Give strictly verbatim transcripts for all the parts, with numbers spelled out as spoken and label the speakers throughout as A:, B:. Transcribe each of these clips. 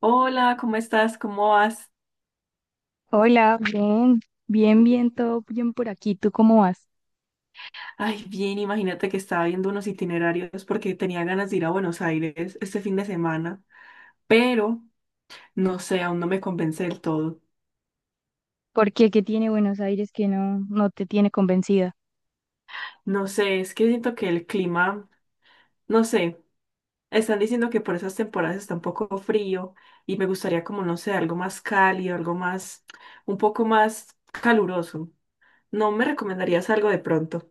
A: Hola, ¿cómo estás? ¿Cómo vas?
B: Hola, bien, bien, bien, todo bien por aquí. ¿Tú cómo vas?
A: Ay, bien, imagínate que estaba viendo unos itinerarios porque tenía ganas de ir a Buenos Aires este fin de semana, pero no sé, aún no me convence del todo.
B: ¿Por qué? ¿Qué tiene Buenos Aires que no, no te tiene convencida?
A: No sé, es que siento que el clima, no sé, están diciendo que por esas temporadas está un poco frío y me gustaría como, no sé, algo más cálido, algo más, un poco más caluroso. ¿No me recomendarías algo de pronto?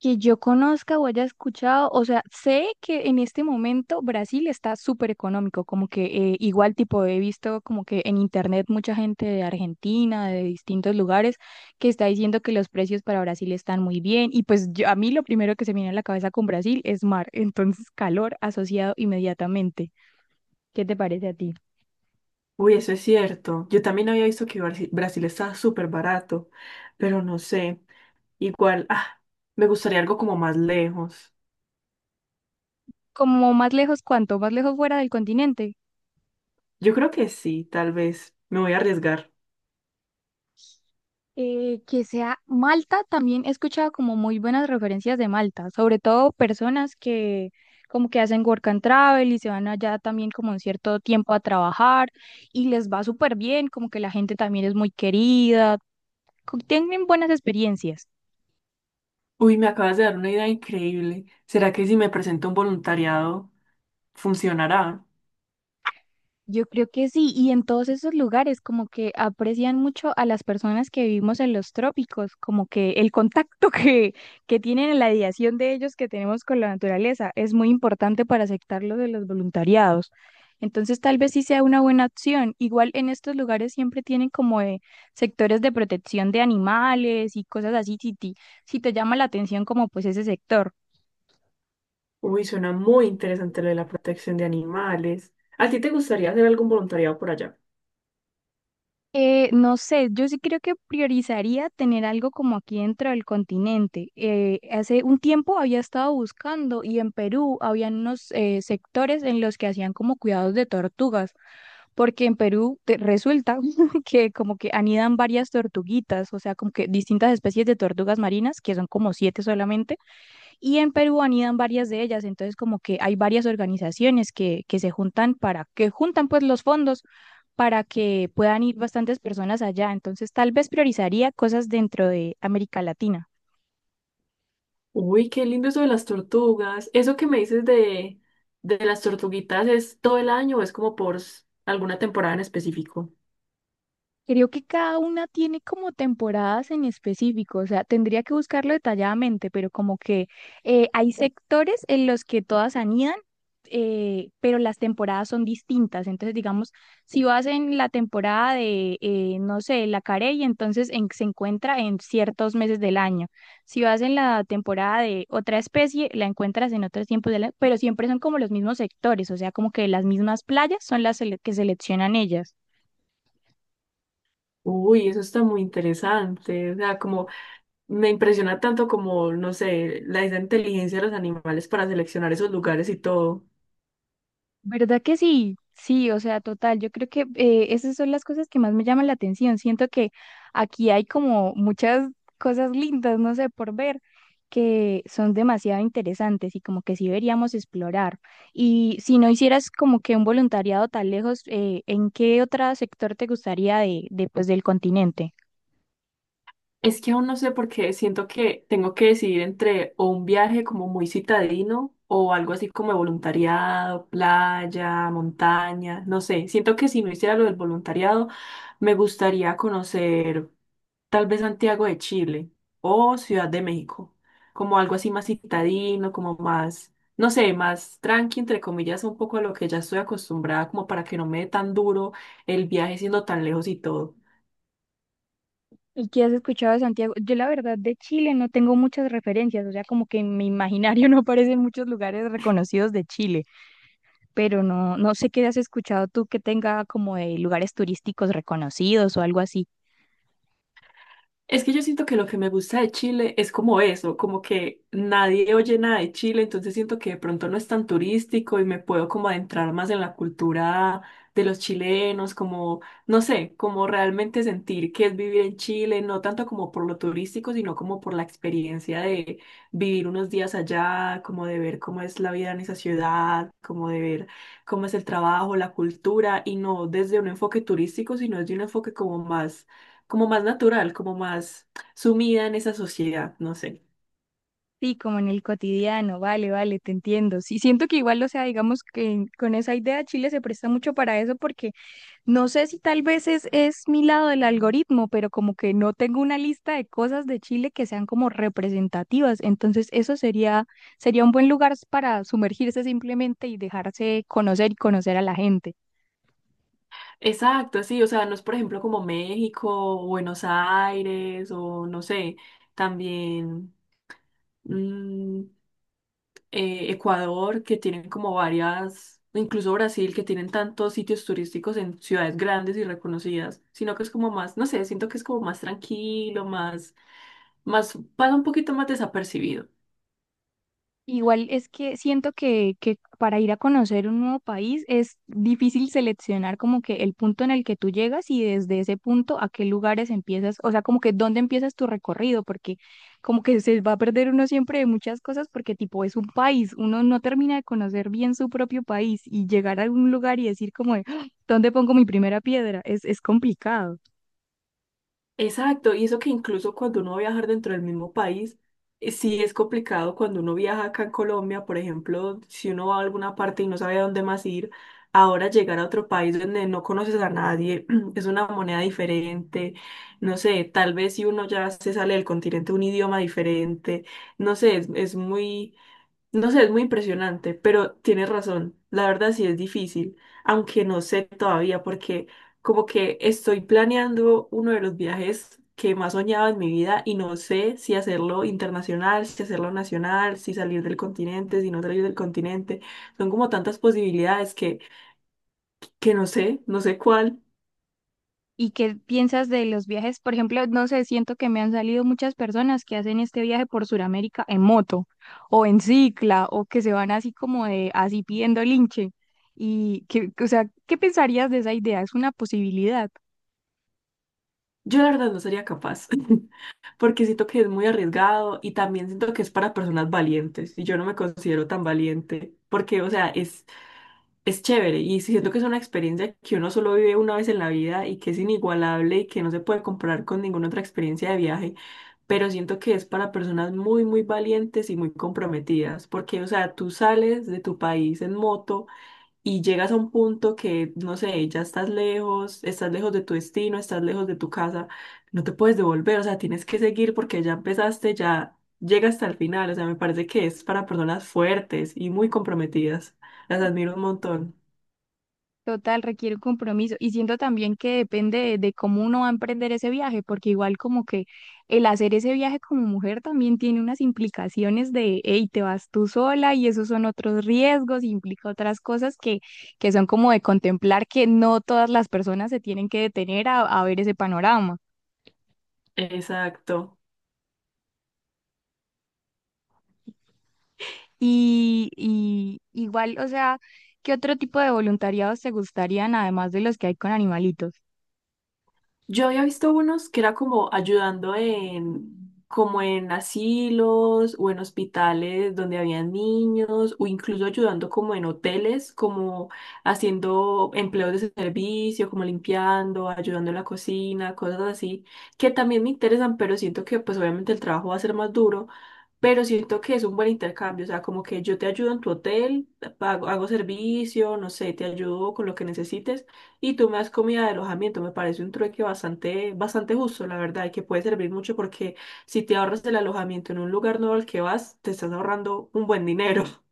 B: Que yo conozca o haya escuchado, o sea, sé que en este momento Brasil está súper económico, como que eh, igual tipo he visto como que en internet mucha gente de Argentina, de distintos lugares, que está diciendo que los precios para Brasil están muy bien y pues yo- a mí lo primero que se me viene a la cabeza con Brasil es mar, entonces calor asociado inmediatamente. ¿Qué te parece a ti?
A: Uy, eso es cierto. Yo también había visto que Barci- Brasil está súper barato, pero no sé. Igual, ah, me gustaría algo como más lejos.
B: Como más lejos, ¿cuánto? Más lejos fuera del continente.
A: Yo creo que sí, tal vez. Me voy a arriesgar.
B: Eh, que sea Malta, también he escuchado como muy buenas referencias de Malta, sobre todo personas que como que hacen work and travel y se van allá también como un cierto tiempo a trabajar y les va súper bien, como que la gente también es muy querida, co- tienen buenas experiencias.
A: Uy, me acabas de dar una idea increíble. ¿Será que si me presento a un voluntariado, funcionará?
B: Yo creo que sí, y en todos esos lugares como que aprecian mucho a las personas que vivimos en los trópicos, como que el contacto que, que tienen en la ideación de ellos que tenemos con la naturaleza es muy importante para aceptar lo de los voluntariados. Entonces tal vez sí sea una buena opción. Igual en estos lugares siempre tienen como eh, sectores de protección de animales y cosas así, si, ti- si te llama la atención como pues ese sector.
A: Uy, suena muy interesante lo de la protección de animales. ¿A ti te gustaría hacer algún voluntariado por allá?
B: Eh, no sé, yo sí creo que priorizaría tener algo como aquí dentro del continente. Eh, hace un tiempo había estado buscando y en Perú habían unos eh, sectores en los que hacían como cuidados de tortugas, porque en Perú te- resulta que como que anidan varias tortuguitas, o sea, como que distintas especies de tortugas marinas, que son como siete solamente. Y en Perú anidan varias de ellas, entonces como que hay varias organizaciones que, que se juntan para, que juntan pues los fondos para que puedan ir bastantes personas allá. Entonces tal vez priorizaría cosas dentro de América Latina.
A: Uy, qué lindo eso de las tortugas. ¿Eso que me dices de, de las tortuguitas es todo el año o es como por s- alguna temporada en específico?
B: Creo que cada una tiene como temporadas en específico, o sea, tendría que buscarlo detalladamente, pero como que eh, hay sectores en los que todas anidan, eh, pero las temporadas son distintas. Entonces, digamos, si vas en la temporada de, eh, no sé, la carey, entonces en- se encuentra en ciertos meses del año. Si vas en la temporada de otra especie, la encuentras en otros tiempos del año, pero siempre son como los mismos sectores, o sea, como que las mismas playas son las sele- que seleccionan ellas.
A: Uy, eso está muy interesante. O sea, como me impresiona tanto como, no sé, la esa inteligencia de los animales para seleccionar esos lugares y todo.
B: ¿Verdad que sí? Sí, o sea, total, yo creo que eh, esas son las cosas que más me llaman la atención. Siento que aquí hay como muchas cosas lindas, no sé, por ver, que son demasiado interesantes y como que sí deberíamos explorar. Y si no hicieras como que un voluntariado tan lejos, eh, ¿en qué otro sector te gustaría de, de, pues, del continente?
A: Es que aún no sé por qué siento que tengo que decidir entre o un viaje como muy citadino o algo así como de voluntariado, playa, montaña, no sé. Siento que si no hiciera lo del voluntariado, me gustaría conocer tal vez Santiago de Chile o Ciudad de México, como algo así más citadino, como más, no sé, más tranqui, entre comillas, un poco a lo que ya estoy acostumbrada, como para que no me dé tan duro el viaje siendo tan lejos y todo.
B: ¿Y qué has escuchado de Santiago? Yo la verdad de Chile no tengo muchas referencias, o sea, como que en mi imaginario no aparecen muchos lugares reconocidos de Chile. Pero no, no sé qué has escuchado tú que tenga como de lugares turísticos reconocidos o algo así.
A: Es que yo siento que lo que me gusta de Chile es como eso, como que nadie oye nada de Chile, entonces siento que de pronto no es tan turístico y me puedo como adentrar más en la cultura de los chilenos, como, no sé, como realmente sentir que es vivir en Chile, no tanto como por lo turístico, sino como por la experiencia de vivir unos días allá, como de ver cómo es la vida en esa ciudad, como de ver cómo es el trabajo, la cultura, y no desde un enfoque turístico, sino desde un enfoque como más como más natural, como más sumida en esa sociedad, no sé.
B: Sí, como en el cotidiano, vale, vale, te entiendo. Sí, siento que igual, o sea, digamos que con esa idea Chile se presta mucho para eso porque no sé si tal vez es, es mi lado del algoritmo, pero como que no tengo una lista de cosas de Chile que sean como representativas. Entonces, eso sería, sería un buen lugar para sumergirse simplemente y dejarse conocer y conocer a la gente.
A: Exacto, sí, o sea, no es por ejemplo como México, o Buenos Aires, o no sé, también mm, eh, Ecuador, que tienen como varias, incluso Brasil, que tienen tantos sitios turísticos en ciudades grandes y reconocidas, sino que es como más, no sé, siento que es como más tranquilo, más, más, pasa un poquito más desapercibido.
B: Igual es que siento que, que para ir a conocer un nuevo país es difícil seleccionar como que el punto en el que tú llegas y desde ese punto a qué lugares empiezas, o sea, como que dónde empiezas tu recorrido, porque como que se va a perder uno siempre de muchas cosas porque tipo es un país, uno no termina de conocer bien su propio país y llegar a un lugar y decir como de, "Ah, ¿dónde pongo mi primera piedra?" Es, es complicado.
A: Exacto, y eso que incluso cuando uno va a viajar dentro del mismo país, eh, sí es complicado cuando uno viaja acá en Colombia, por ejemplo, si uno va a alguna parte y no sabe a dónde más ir, ahora llegar a otro país donde no conoces a nadie, es una moneda diferente, no sé, tal vez si uno ya se sale del continente un idioma diferente, no sé, es, es muy, no sé, es muy impresionante, pero tienes razón. La verdad sí es difícil, aunque no sé todavía porque como que estoy planeando uno de los viajes que más soñaba en mi vida y no sé si hacerlo internacional, si hacerlo nacional, si salir del continente, si no salir del continente. Son como tantas posibilidades que, que no sé, no sé cuál.
B: ¿Y qué piensas de los viajes? Por ejemplo, no sé, siento que me han salido muchas personas que hacen este viaje por Sudamérica en moto o en cicla o que se van así como de así pidiendo linche. Y que, o sea, ¿qué pensarías de esa idea? ¿Es una posibilidad?
A: Yo la verdad no sería capaz, porque siento que es muy arriesgado y también siento que es para personas valientes y yo no me considero tan valiente, porque o sea, es es chévere y siento que es una experiencia que uno solo vive una vez en la vida y que es inigualable y que no se puede comparar con ninguna otra experiencia de viaje, pero siento que es para personas muy, muy valientes y muy comprometidas, porque, o sea, tú sales de tu país en moto y llegas a un punto que, no sé, ya estás lejos, estás lejos de tu destino, estás lejos de tu casa, no te puedes devolver, o sea, tienes que seguir porque ya empezaste, ya llega hasta el final, o sea, me parece que es para personas fuertes y muy comprometidas. Las admiro un montón.
B: Total, requiere un compromiso. Y siento también que depende de, de cómo uno va a emprender ese viaje, porque igual como que el hacer ese viaje como mujer también tiene unas implicaciones de, hey, te vas tú sola y esos son otros riesgos, implica otras cosas que, que son como de contemplar que no todas las personas se tienen que detener a, a ver ese panorama.
A: Exacto.
B: Y, y igual, o sea, ¿qué otro tipo de voluntariados te gustarían además de los que hay con animalitos?
A: Yo había visto unos que era como ayudando en, como en asilos o en hospitales donde había niños, o incluso ayudando como en hoteles, como haciendo empleos de servicio, como limpiando, ayudando en la cocina, cosas así, que también me interesan, pero siento que pues obviamente el trabajo va a ser más duro, pero siento que es un buen intercambio, o sea, como que yo te ayudo en tu hotel, pago- hago servicio, no sé, te ayudo con lo que necesites y tú me das comida de alojamiento, me parece un trueque bastante, bastante justo, la verdad, y que puede servir mucho porque si te ahorras el alojamiento en un lugar nuevo al que vas, te estás ahorrando un buen dinero.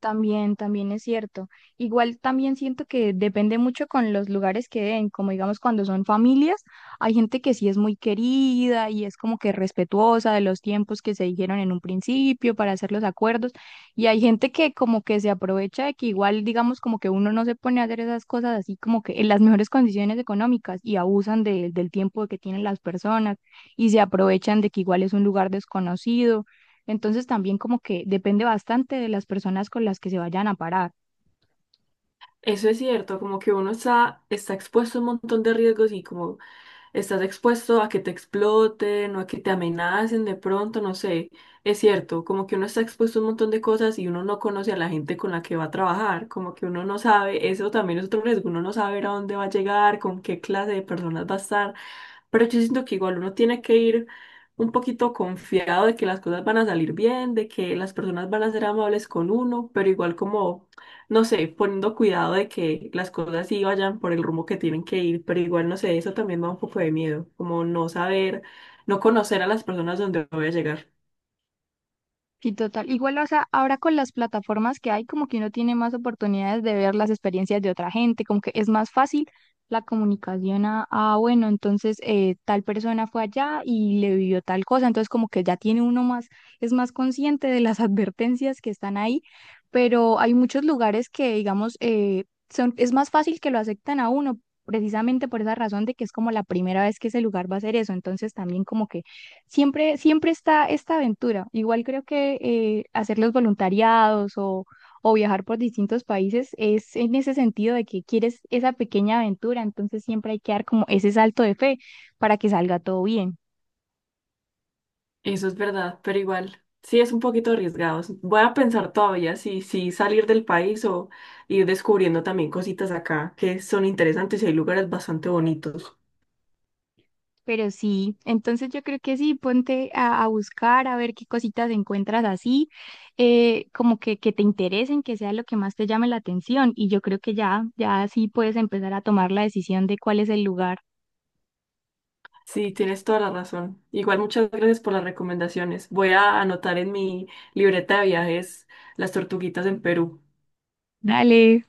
B: También, también es cierto. Igual también siento que depende mucho con los lugares que den, como digamos cuando son familias, hay gente que sí es muy querida y es como que respetuosa de los tiempos que se dijeron en un principio para hacer los acuerdos, y hay gente que como que se aprovecha de que igual digamos como que uno no se pone a hacer esas cosas así como que en las mejores condiciones económicas y abusan de- del tiempo que tienen las personas y se aprovechan de que igual es un lugar desconocido entonces también como que depende bastante de las personas con las que se vayan a parar.
A: Eso es cierto, como que uno está, está expuesto a un montón de riesgos y como estás expuesto a que te exploten o a que te amenacen de pronto, no sé. Es cierto, como que uno está expuesto a un montón de cosas y uno no conoce a la gente con la que va a trabajar, como que uno no sabe, eso también es otro riesgo, uno no sabe a dónde va a llegar, con qué clase de personas va a estar, pero yo siento que igual uno tiene que ir un poquito confiado de que las cosas van a salir bien, de que las personas van a ser amables con uno, pero igual como no sé, poniendo cuidado de que las cosas sí vayan por el rumbo que tienen que ir, pero igual, no sé, eso también me da un poco de miedo, como no saber, no conocer a las personas donde voy a llegar.
B: Sí, total. Igual, o sea, ahora con las plataformas que hay, como que uno tiene más oportunidades de ver las experiencias de otra gente, como que es más fácil la comunicación a, ah, bueno, entonces eh, tal persona fue allá y le vivió tal cosa, entonces como que ya tiene uno más, es más consciente de las advertencias que están ahí, pero hay muchos lugares que, digamos, eh, son, es más fácil que lo aceptan a uno, precisamente por esa razón de que es como la primera vez que ese lugar va a hacer eso, entonces también como que siempre, siempre está esta aventura. Igual creo que eh, hacer los voluntariados o, o viajar por distintos países es en ese sentido de que quieres esa pequeña aventura, entonces siempre hay que dar como ese salto de fe para que salga todo bien.
A: Eso es verdad, pero igual, sí es un poquito arriesgado. Voy a pensar todavía si, si salir del país o ir descubriendo también cositas acá que son interesantes y hay lugares bastante bonitos.
B: Pero sí, entonces yo creo que sí, ponte a, a buscar, a ver qué cositas encuentras así, eh, como que, que te interesen, que sea lo que más te llame la atención. Y yo creo que ya, ya sí puedes empezar a tomar la decisión de cuál es el lugar.
A: Sí, tienes toda la razón. Igual muchas gracias por las recomendaciones. Voy a anotar en mi libreta de viajes las tortuguitas en Perú.
B: Dale.